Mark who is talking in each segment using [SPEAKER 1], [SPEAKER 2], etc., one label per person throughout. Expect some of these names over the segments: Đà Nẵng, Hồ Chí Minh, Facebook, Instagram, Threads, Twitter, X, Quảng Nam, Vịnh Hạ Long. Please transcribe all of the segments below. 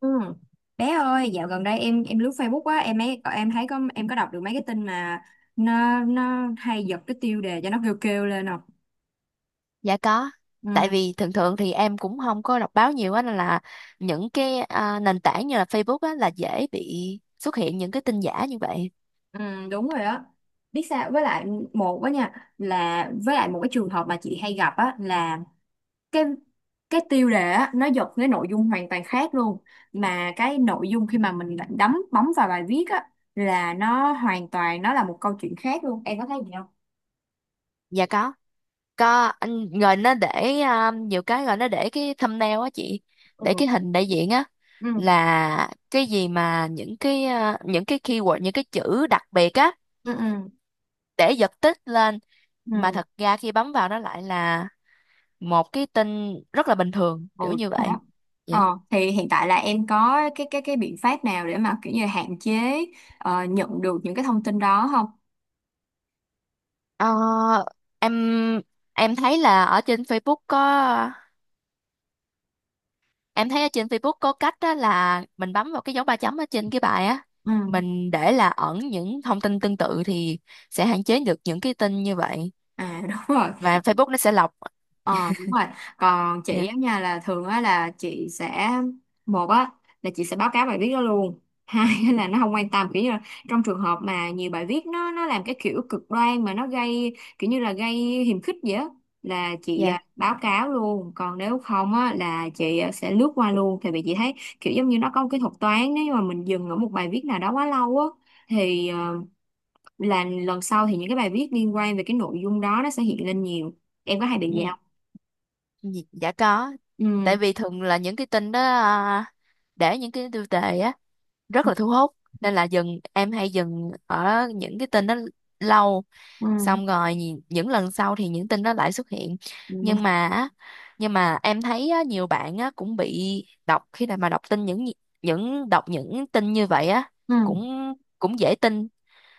[SPEAKER 1] Ừ. Bé ơi, dạo gần đây em lướt Facebook á, em ấy em thấy có đọc được mấy cái tin mà nó hay giật cái tiêu đề cho nó kêu kêu lên không?
[SPEAKER 2] Dạ có. Tại
[SPEAKER 1] Ừ,
[SPEAKER 2] vì thường thường thì em cũng không có đọc báo nhiều á, nên là những nền tảng như là Facebook á là dễ bị xuất hiện những cái tin giả như vậy.
[SPEAKER 1] ừ, đúng rồi á. Biết sao một á nha với lại một cái trường hợp mà chị hay gặp á là cái cái tiêu đề á nó giật cái nội dung hoàn toàn khác luôn, mà cái nội dung khi mà mình lại bấm vào bài viết á là nó hoàn toàn, nó là một câu chuyện khác luôn. Em có thấy gì không?
[SPEAKER 2] Dạ có. Có anh, rồi nó để à, nhiều cái rồi nó để cái thumbnail á chị, để
[SPEAKER 1] Ừ.
[SPEAKER 2] cái hình đại diện á,
[SPEAKER 1] Ừ.
[SPEAKER 2] là cái gì mà những những cái keyword, những cái chữ đặc biệt á
[SPEAKER 1] Ừ.
[SPEAKER 2] để giật tít lên, mà
[SPEAKER 1] Ừ.
[SPEAKER 2] thật ra khi bấm vào nó lại là một cái tin rất là bình thường
[SPEAKER 1] Ừ,
[SPEAKER 2] kiểu như
[SPEAKER 1] đúng rồi
[SPEAKER 2] vậy.
[SPEAKER 1] đó.
[SPEAKER 2] Dạ.
[SPEAKER 1] Ờ, thì hiện tại là em có cái biện pháp nào để mà kiểu như hạn chế, nhận được những cái thông tin đó không?
[SPEAKER 2] Ờ, em em thấy là ở trên Facebook có, em thấy ở trên Facebook có cách đó là mình bấm vào cái dấu ba chấm ở trên cái bài á,
[SPEAKER 1] Ừ.
[SPEAKER 2] mình để là ẩn những thông tin tương tự thì sẽ hạn chế được những cái tin như vậy,
[SPEAKER 1] À đúng rồi.
[SPEAKER 2] và Facebook nó sẽ lọc.
[SPEAKER 1] Ờ đúng rồi. Còn chị
[SPEAKER 2] Dạ.
[SPEAKER 1] á nha là thường á là chị sẽ một á là chị sẽ báo cáo bài viết đó luôn. Hai á là nó không quan tâm, kiểu như là trong trường hợp mà nhiều bài viết nó làm cái kiểu cực đoan mà nó gây kiểu như là gây hiềm khích vậy á là chị
[SPEAKER 2] dạ
[SPEAKER 1] báo cáo luôn. Còn nếu không á là chị sẽ lướt qua luôn, tại vì chị thấy kiểu giống như nó có một cái thuật toán, nếu như mà mình dừng ở một bài viết nào đó quá lâu á thì là lần sau thì những cái bài viết liên quan về cái nội dung đó nó sẽ hiện lên nhiều. Em có hay bị vậy
[SPEAKER 2] ừ.
[SPEAKER 1] không?
[SPEAKER 2] dạ dạ có, tại
[SPEAKER 1] Ừ.
[SPEAKER 2] vì thường là những cái tin đó để những cái tiêu đề á rất
[SPEAKER 1] Ừ,
[SPEAKER 2] là thu hút, nên là em hay dừng ở những cái tin đó lâu, xong rồi những lần sau thì những tin đó lại xuất hiện.
[SPEAKER 1] ừ,
[SPEAKER 2] nhưng mà á- nhưng mà em thấy á, nhiều bạn á, cũng bị đọc khi mà đọc những tin như vậy á,
[SPEAKER 1] ừ,
[SPEAKER 2] cũng cũng dễ tin,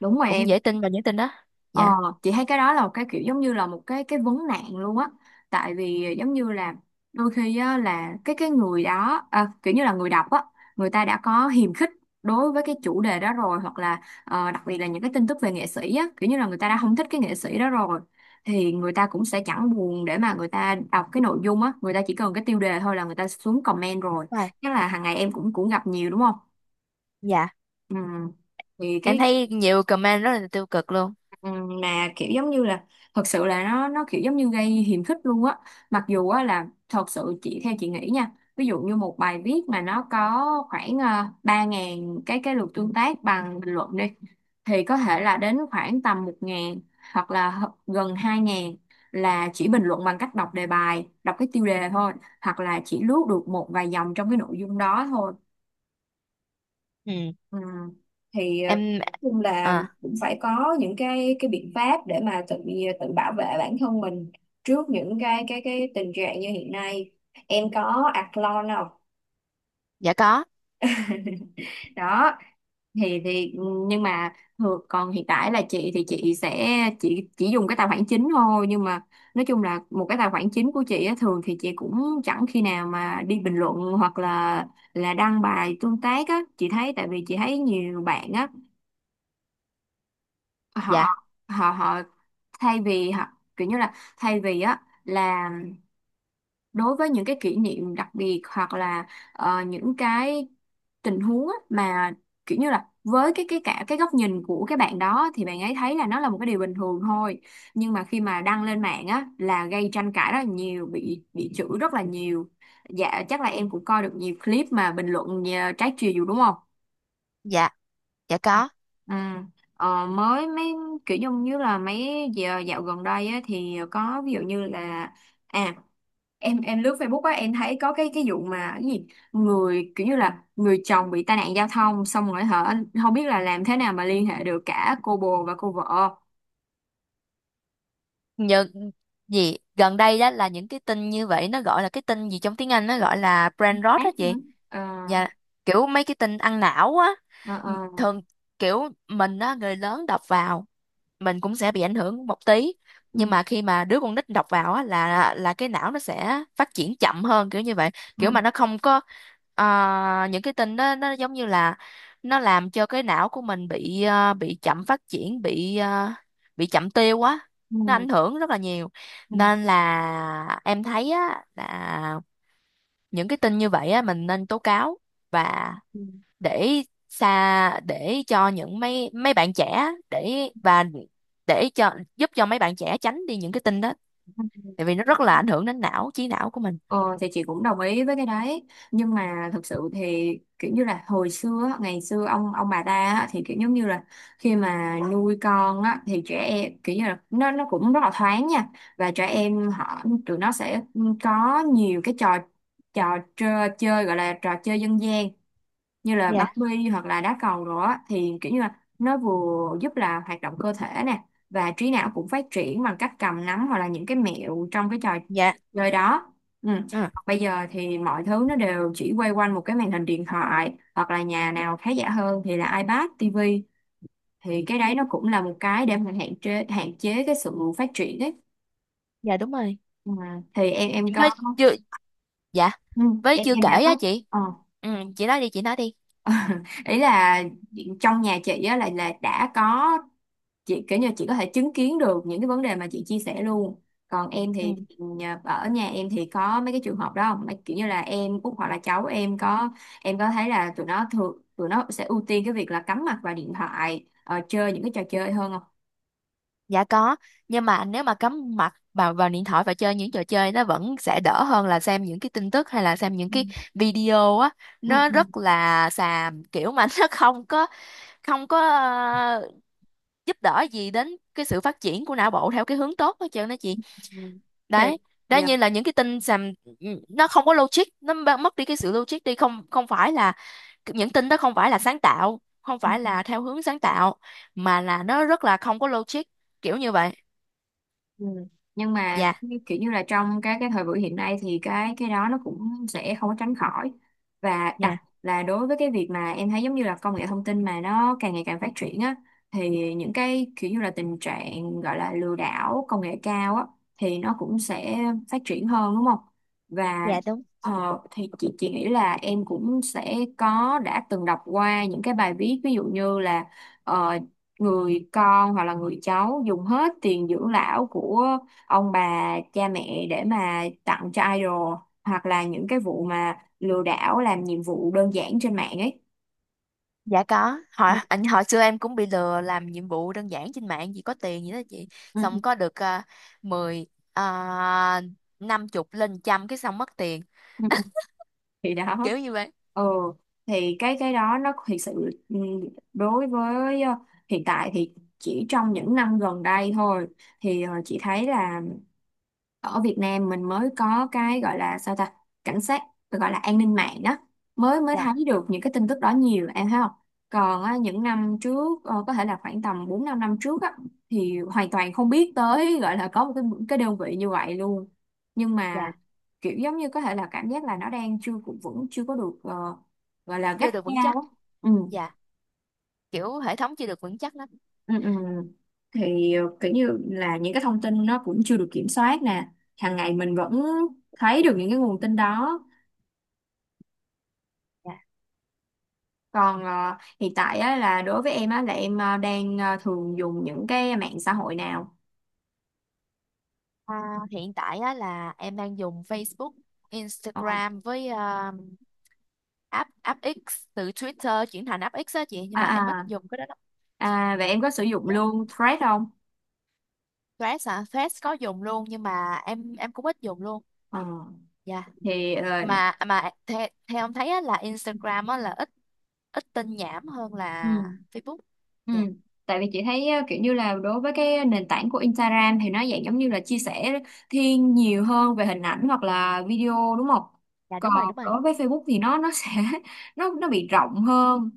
[SPEAKER 1] đúng rồi
[SPEAKER 2] cũng
[SPEAKER 1] em.
[SPEAKER 2] dễ tin vào những tin đó. Dạ.
[SPEAKER 1] ờ, chị thấy cái đó là một cái kiểu giống như là một cái vấn nạn luôn á, tại vì giống như là đôi khi á, là cái người đó kiểu như là người đọc á, người ta đã có hiềm khích đối với cái chủ đề đó rồi, hoặc là đặc biệt là những cái tin tức về nghệ sĩ á, kiểu như là người ta đã không thích cái nghệ sĩ đó rồi thì người ta cũng sẽ chẳng buồn để mà người ta đọc cái nội dung á, người ta chỉ cần cái tiêu đề thôi là người ta xuống comment rồi.
[SPEAKER 2] Wow.
[SPEAKER 1] Chắc là hàng ngày em cũng cũng gặp nhiều đúng không.
[SPEAKER 2] Dạ.
[SPEAKER 1] Ừ thì
[SPEAKER 2] Em
[SPEAKER 1] cái,
[SPEAKER 2] thấy nhiều comment rất là tiêu cực luôn.
[SPEAKER 1] Ừ, mà kiểu giống như là thật sự là nó kiểu giống như gây hiềm khích luôn á, mặc dù á là thật sự chị, theo chị nghĩ nha, ví dụ như một bài viết mà nó có khoảng 3.000 cái lượt tương tác bằng bình luận đi, thì có thể là đến khoảng tầm 1.000 hoặc là gần 2.000 là chỉ bình luận bằng cách đọc đề bài, đọc cái tiêu đề thôi, hoặc là chỉ lướt được một vài dòng trong cái nội dung đó thôi.
[SPEAKER 2] Ừ.
[SPEAKER 1] À, thì
[SPEAKER 2] Em.
[SPEAKER 1] chung là
[SPEAKER 2] À.
[SPEAKER 1] cũng phải có những cái biện pháp để mà tự, tự bảo vệ bản thân mình trước những cái tình trạng như hiện nay. Em có Athlon không?
[SPEAKER 2] Dạ có.
[SPEAKER 1] Đó thì nhưng mà thường, còn hiện tại là chị thì chị chỉ dùng cái tài khoản chính thôi, nhưng mà nói chung là một cái tài khoản chính của chị á, thường thì chị cũng chẳng khi nào mà đi bình luận hoặc là đăng bài tương tác á, chị thấy. Tại vì chị thấy nhiều bạn á, họ
[SPEAKER 2] dạ
[SPEAKER 1] họ họ thay vì hoặc kiểu như là, thay vì á là đối với những cái kỷ niệm đặc biệt hoặc là những cái tình huống á, mà kiểu như là với cái cả cái góc nhìn của cái bạn đó thì bạn ấy thấy là nó là một cái điều bình thường thôi, nhưng mà khi mà đăng lên mạng á là gây tranh cãi rất là nhiều, bị chửi rất là nhiều. Dạ chắc là em cũng coi được nhiều clip mà bình luận trái chiều đúng không.
[SPEAKER 2] dạ dạ có.
[SPEAKER 1] Ừ. Ờ, mới mấy kiểu giống như là mấy giờ dạo gần đây á, thì có ví dụ như là à em lướt Facebook á, em thấy có cái vụ mà cái gì, người kiểu như là người chồng bị tai nạn giao thông xong rồi hả, không biết là làm thế nào mà liên hệ được cả cô bồ và cô vợ.
[SPEAKER 2] Nhờ gì gần đây đó, là những cái tin như vậy nó gọi là cái tin gì, trong tiếng Anh nó gọi là brain rot
[SPEAKER 1] Ác
[SPEAKER 2] đó
[SPEAKER 1] hả?
[SPEAKER 2] chị.
[SPEAKER 1] ờ
[SPEAKER 2] Dạ, kiểu mấy cái tin ăn não á.
[SPEAKER 1] ờ.
[SPEAKER 2] Thường kiểu mình á, người lớn đọc vào mình cũng sẽ bị ảnh hưởng một tí,
[SPEAKER 1] Ừ.
[SPEAKER 2] nhưng mà khi mà đứa con nít đọc vào á là cái não nó sẽ phát triển chậm hơn kiểu như vậy.
[SPEAKER 1] Ừ.
[SPEAKER 2] Kiểu mà nó không có những cái tin đó nó giống như là nó làm cho cái não của mình bị bị chậm phát triển, bị bị chậm tiêu á,
[SPEAKER 1] Ừ.
[SPEAKER 2] nó ảnh hưởng rất là nhiều.
[SPEAKER 1] Ừ.
[SPEAKER 2] Nên là em thấy á là những cái tin như vậy á mình nên tố cáo, và
[SPEAKER 1] Ừ.
[SPEAKER 2] để xa, để cho những mấy mấy bạn trẻ, để và để cho giúp cho mấy bạn trẻ tránh đi những cái tin đó,
[SPEAKER 1] Ừ.
[SPEAKER 2] tại vì nó rất là ảnh hưởng đến trí não của mình.
[SPEAKER 1] Ờ, thì chị cũng đồng ý với cái đấy, nhưng mà thực sự thì kiểu như là hồi xưa á, ngày xưa ông bà ta á, thì kiểu giống như là khi mà nuôi con á, thì trẻ em kiểu như là nó cũng rất là thoáng nha, và trẻ em, họ, tụi nó sẽ có nhiều cái trò, chơi, gọi là trò chơi dân gian, như là bắn
[SPEAKER 2] Dạ.
[SPEAKER 1] bi hoặc là đá cầu đó, thì kiểu như là nó vừa giúp là hoạt động cơ thể nè, và trí não cũng phát triển bằng cách cầm nắm hoặc là những cái mẹo trong cái trò
[SPEAKER 2] Dạ.
[SPEAKER 1] chơi đó. Ừ.
[SPEAKER 2] Ừ.
[SPEAKER 1] Bây giờ thì mọi thứ nó đều chỉ quay quanh một cái màn hình điện thoại, hoặc là nhà nào khá giả hơn thì là iPad, TV, thì cái đấy nó cũng là một cái để mình hạn chế cái sự phát triển ấy.
[SPEAKER 2] Dạ đúng rồi.
[SPEAKER 1] Ừ. Thì em có,
[SPEAKER 2] Với chưa. Dạ,
[SPEAKER 1] ừ,
[SPEAKER 2] với
[SPEAKER 1] em
[SPEAKER 2] chưa
[SPEAKER 1] em
[SPEAKER 2] kể
[SPEAKER 1] đã
[SPEAKER 2] á
[SPEAKER 1] có,
[SPEAKER 2] chị.
[SPEAKER 1] ờ.
[SPEAKER 2] Ừ, chị nói đi, chị nói đi.
[SPEAKER 1] Ý là trong nhà chị á là đã có, chị kiểu như chị có thể chứng kiến được những cái vấn đề mà chị chia sẻ luôn. Còn em thì
[SPEAKER 2] Ừ.
[SPEAKER 1] ở nhà em thì có mấy cái trường hợp đó không? Kiểu như là em út hoặc là cháu em có, em có thấy là tụi nó sẽ ưu tiên cái việc là cắm mặt vào điện thoại, chơi những cái trò chơi hơn không?
[SPEAKER 2] Dạ có, nhưng mà nếu mà cắm mặt vào vào điện thoại và chơi những trò chơi nó vẫn sẽ đỡ hơn là xem những cái tin tức, hay là xem những
[SPEAKER 1] Ừ.
[SPEAKER 2] cái video á,
[SPEAKER 1] Ừ.
[SPEAKER 2] nó
[SPEAKER 1] Ừ.
[SPEAKER 2] rất là xàm kiểu mà nó không có, không có ờ, giúp đỡ gì đến cái sự phát triển của não bộ theo cái hướng tốt hết trơn đó chị.
[SPEAKER 1] Ừ.
[SPEAKER 2] Đấy, đó như là những cái tin xàm, ừ, nó không có logic, mất đi cái sự logic đi. Không không phải là những tin đó không phải là sáng tạo, không
[SPEAKER 1] Dạ.
[SPEAKER 2] phải là theo hướng sáng tạo, mà là nó rất là không có logic kiểu như vậy.
[SPEAKER 1] Ừ. Nhưng mà
[SPEAKER 2] Dạ.
[SPEAKER 1] kiểu như là trong cái thời buổi hiện nay thì cái đó nó cũng sẽ không có tránh khỏi, và là đối với cái việc mà em thấy giống như là công nghệ thông tin mà nó càng ngày càng phát triển á, thì những cái kiểu như là tình trạng gọi là lừa đảo công nghệ cao á thì nó cũng sẽ phát triển hơn đúng không? Và
[SPEAKER 2] Dạ đúng.
[SPEAKER 1] thì chị nghĩ là em cũng sẽ có, đã từng đọc qua những cái bài viết ví dụ như là ờ, người con hoặc là người cháu dùng hết tiền dưỡng lão của ông bà cha mẹ để mà tặng cho idol, hoặc là những cái vụ mà lừa đảo làm nhiệm vụ đơn giản trên mạng ấy.
[SPEAKER 2] Dạ có.
[SPEAKER 1] Ừ,
[SPEAKER 2] Hồi hồi xưa em cũng bị lừa làm nhiệm vụ đơn giản trên mạng gì có tiền gì đó chị.
[SPEAKER 1] ừ,
[SPEAKER 2] Xong có được uh, 10 à, 50 lên trăm cái xong mất tiền.
[SPEAKER 1] ừ. Thì đó,
[SPEAKER 2] Kiểu như vậy.
[SPEAKER 1] ừ thì cái đó nó thực sự, ừ, đối với hiện tại thì chỉ trong những năm gần đây thôi thì chị thấy là ở Việt Nam mình mới có cái gọi là sao ta, cảnh sát, gọi là an ninh mạng đó, mới mới
[SPEAKER 2] Dạ,
[SPEAKER 1] thấy được những cái tin tức đó nhiều em thấy không. Còn á, những năm trước có thể là khoảng tầm 4 5 năm trước á, thì hoàn toàn không biết tới, gọi là có một cái đơn vị như vậy luôn, nhưng
[SPEAKER 2] dạ.
[SPEAKER 1] mà kiểu giống như có thể là cảm giác là nó đang chưa cũng vững, chưa có được gọi là
[SPEAKER 2] Chưa
[SPEAKER 1] gắt
[SPEAKER 2] được vững
[SPEAKER 1] gao
[SPEAKER 2] chắc.
[SPEAKER 1] á. Ừ.
[SPEAKER 2] Dạ. Kiểu hệ thống chưa được vững chắc lắm.
[SPEAKER 1] Ừ, ừ. Thì kiểu như là những cái thông tin nó cũng chưa được kiểm soát nè, hàng ngày mình vẫn thấy được những cái nguồn tin đó.
[SPEAKER 2] Dạ.
[SPEAKER 1] Còn hiện tại á, là đối với em á là em đang thường dùng những cái mạng xã hội nào?
[SPEAKER 2] À, hiện tại á, là em đang dùng Facebook,
[SPEAKER 1] Ờ,
[SPEAKER 2] Instagram với à, app app X, từ Twitter chuyển thành app X á chị, nhưng
[SPEAKER 1] à
[SPEAKER 2] mà em ít
[SPEAKER 1] à
[SPEAKER 2] dùng cái đó lắm.
[SPEAKER 1] à vậy em có sử dụng
[SPEAKER 2] Dạ.
[SPEAKER 1] luôn Thread không?
[SPEAKER 2] Threads hả? Threads có dùng luôn nhưng mà em cũng ít dùng luôn.
[SPEAKER 1] Ờ,
[SPEAKER 2] Dạ.
[SPEAKER 1] thì
[SPEAKER 2] Mà theo ông thấy á, là Instagram á, là ít ít tin nhảm hơn
[SPEAKER 1] Ừ.
[SPEAKER 2] là Facebook.
[SPEAKER 1] Ừ.
[SPEAKER 2] Dạ.
[SPEAKER 1] Tại vì chị thấy kiểu như là đối với cái nền tảng của Instagram thì nó dạng giống như là chia sẻ thiên nhiều hơn về hình ảnh hoặc là video đúng không?
[SPEAKER 2] Dạ
[SPEAKER 1] Còn
[SPEAKER 2] đúng rồi, đúng rồi.
[SPEAKER 1] đối với Facebook thì nó sẽ nó bị rộng hơn,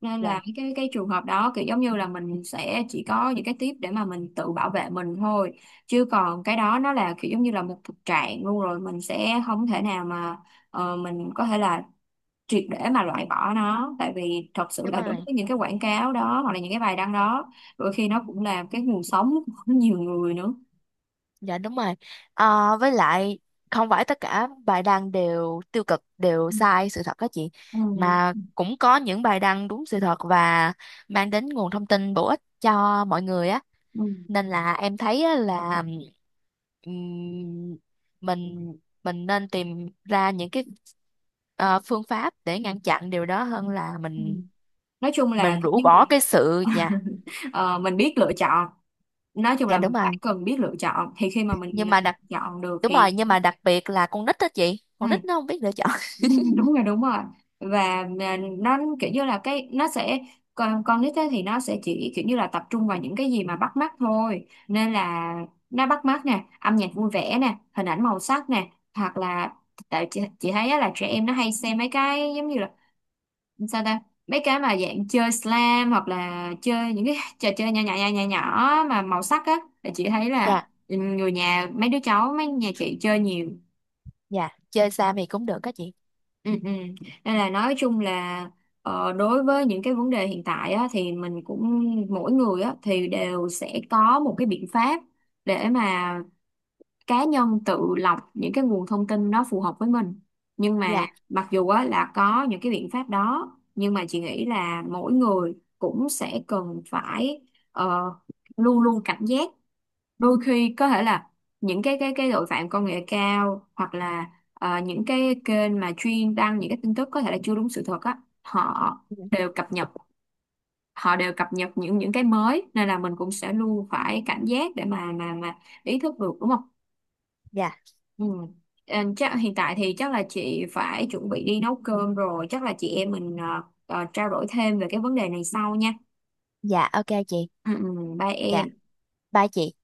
[SPEAKER 1] nên
[SPEAKER 2] Dạ,
[SPEAKER 1] là cái trường hợp đó kiểu giống như là mình sẽ chỉ có những cái tip để mà mình tự bảo vệ mình thôi, chứ còn cái đó nó là kiểu giống như là một thực trạng luôn rồi, mình sẽ không thể nào mà mình có thể là triệt để mà loại bỏ nó, tại vì thật sự
[SPEAKER 2] đúng
[SPEAKER 1] là đối
[SPEAKER 2] rồi.
[SPEAKER 1] với những cái quảng cáo đó hoặc là những cái bài đăng đó, đôi khi nó cũng là cái nguồn sống của nhiều người nữa.
[SPEAKER 2] Dạ đúng rồi. Ờ, với lại không phải tất cả bài đăng đều tiêu cực, đều
[SPEAKER 1] Ừ.
[SPEAKER 2] sai sự thật các chị, mà
[SPEAKER 1] Ừ.
[SPEAKER 2] cũng có những bài đăng đúng sự thật và mang đến nguồn thông tin bổ ích cho mọi người á.
[SPEAKER 1] Ừ.
[SPEAKER 2] Nên là em thấy á là, ừm, mình mình nên tìm ra những cái, ờ, phương pháp để ngăn chặn điều đó hơn là
[SPEAKER 1] Ừ. Nói chung là
[SPEAKER 2] mình
[SPEAKER 1] kiểu
[SPEAKER 2] rũ
[SPEAKER 1] như là
[SPEAKER 2] bỏ cái sự. Dạ.
[SPEAKER 1] ờ, mình biết lựa chọn, nói chung
[SPEAKER 2] Dạ
[SPEAKER 1] là
[SPEAKER 2] đúng
[SPEAKER 1] mình
[SPEAKER 2] rồi,
[SPEAKER 1] phải cần biết lựa chọn, thì khi mà mình
[SPEAKER 2] nhưng
[SPEAKER 1] mình
[SPEAKER 2] mà đặc
[SPEAKER 1] chọn được
[SPEAKER 2] đúng rồi,
[SPEAKER 1] thì,
[SPEAKER 2] nhưng mà đặc biệt là con nít đó chị,
[SPEAKER 1] ừ.
[SPEAKER 2] con nít nó không biết lựa chọn
[SPEAKER 1] Ừ, đúng rồi đúng rồi, và mà nó kiểu như là cái nó sẽ, con nít ấy thì nó sẽ chỉ kiểu như là tập trung vào những cái gì mà bắt mắt thôi, nên là nó bắt mắt nè, âm nhạc vui vẻ nè, hình ảnh màu sắc nè, hoặc là tại chị thấy á là trẻ em nó hay xem mấy cái giống như là sao ta, mấy cái mà dạng chơi slam hoặc là chơi những cái trò chơi nhỏ nhỏ nhỏ nhỏ nhỏ mà màu sắc á, thì chị thấy là,
[SPEAKER 2] dạ.
[SPEAKER 1] ừ, người nhà mấy đứa cháu mấy nhà chị chơi nhiều.
[SPEAKER 2] Dạ chơi xa thì cũng được đó chị.
[SPEAKER 1] Ừ, ừ. Nên là nói chung là đối với những cái vấn đề hiện tại á, thì mình cũng, mỗi người á, thì đều sẽ có một cái biện pháp để mà cá nhân tự lọc những cái nguồn thông tin nó phù hợp với mình. Nhưng mà
[SPEAKER 2] dạ
[SPEAKER 1] mặc dù á, là có những cái biện pháp đó nhưng mà chị nghĩ là mỗi người cũng sẽ cần phải ờ, luôn luôn cảnh giác, đôi khi có thể là những cái tội phạm công nghệ cao hoặc là những cái kênh mà chuyên đăng những cái tin tức có thể là chưa đúng sự thật á, họ
[SPEAKER 2] dạ
[SPEAKER 1] đều cập nhật, họ đều cập nhật những cái mới, nên là mình cũng sẽ luôn phải cảnh giác để mà mà ý thức được đúng không?
[SPEAKER 2] dạ
[SPEAKER 1] Ừ. Ờ, chắc hiện tại thì chắc là chị phải chuẩn bị đi nấu cơm rồi, chắc là chị em mình trao đổi thêm về cái vấn đề này sau nha.
[SPEAKER 2] dạ, ok chị.
[SPEAKER 1] Ừ, ừ, bye
[SPEAKER 2] Dạ,
[SPEAKER 1] em.
[SPEAKER 2] bye chị.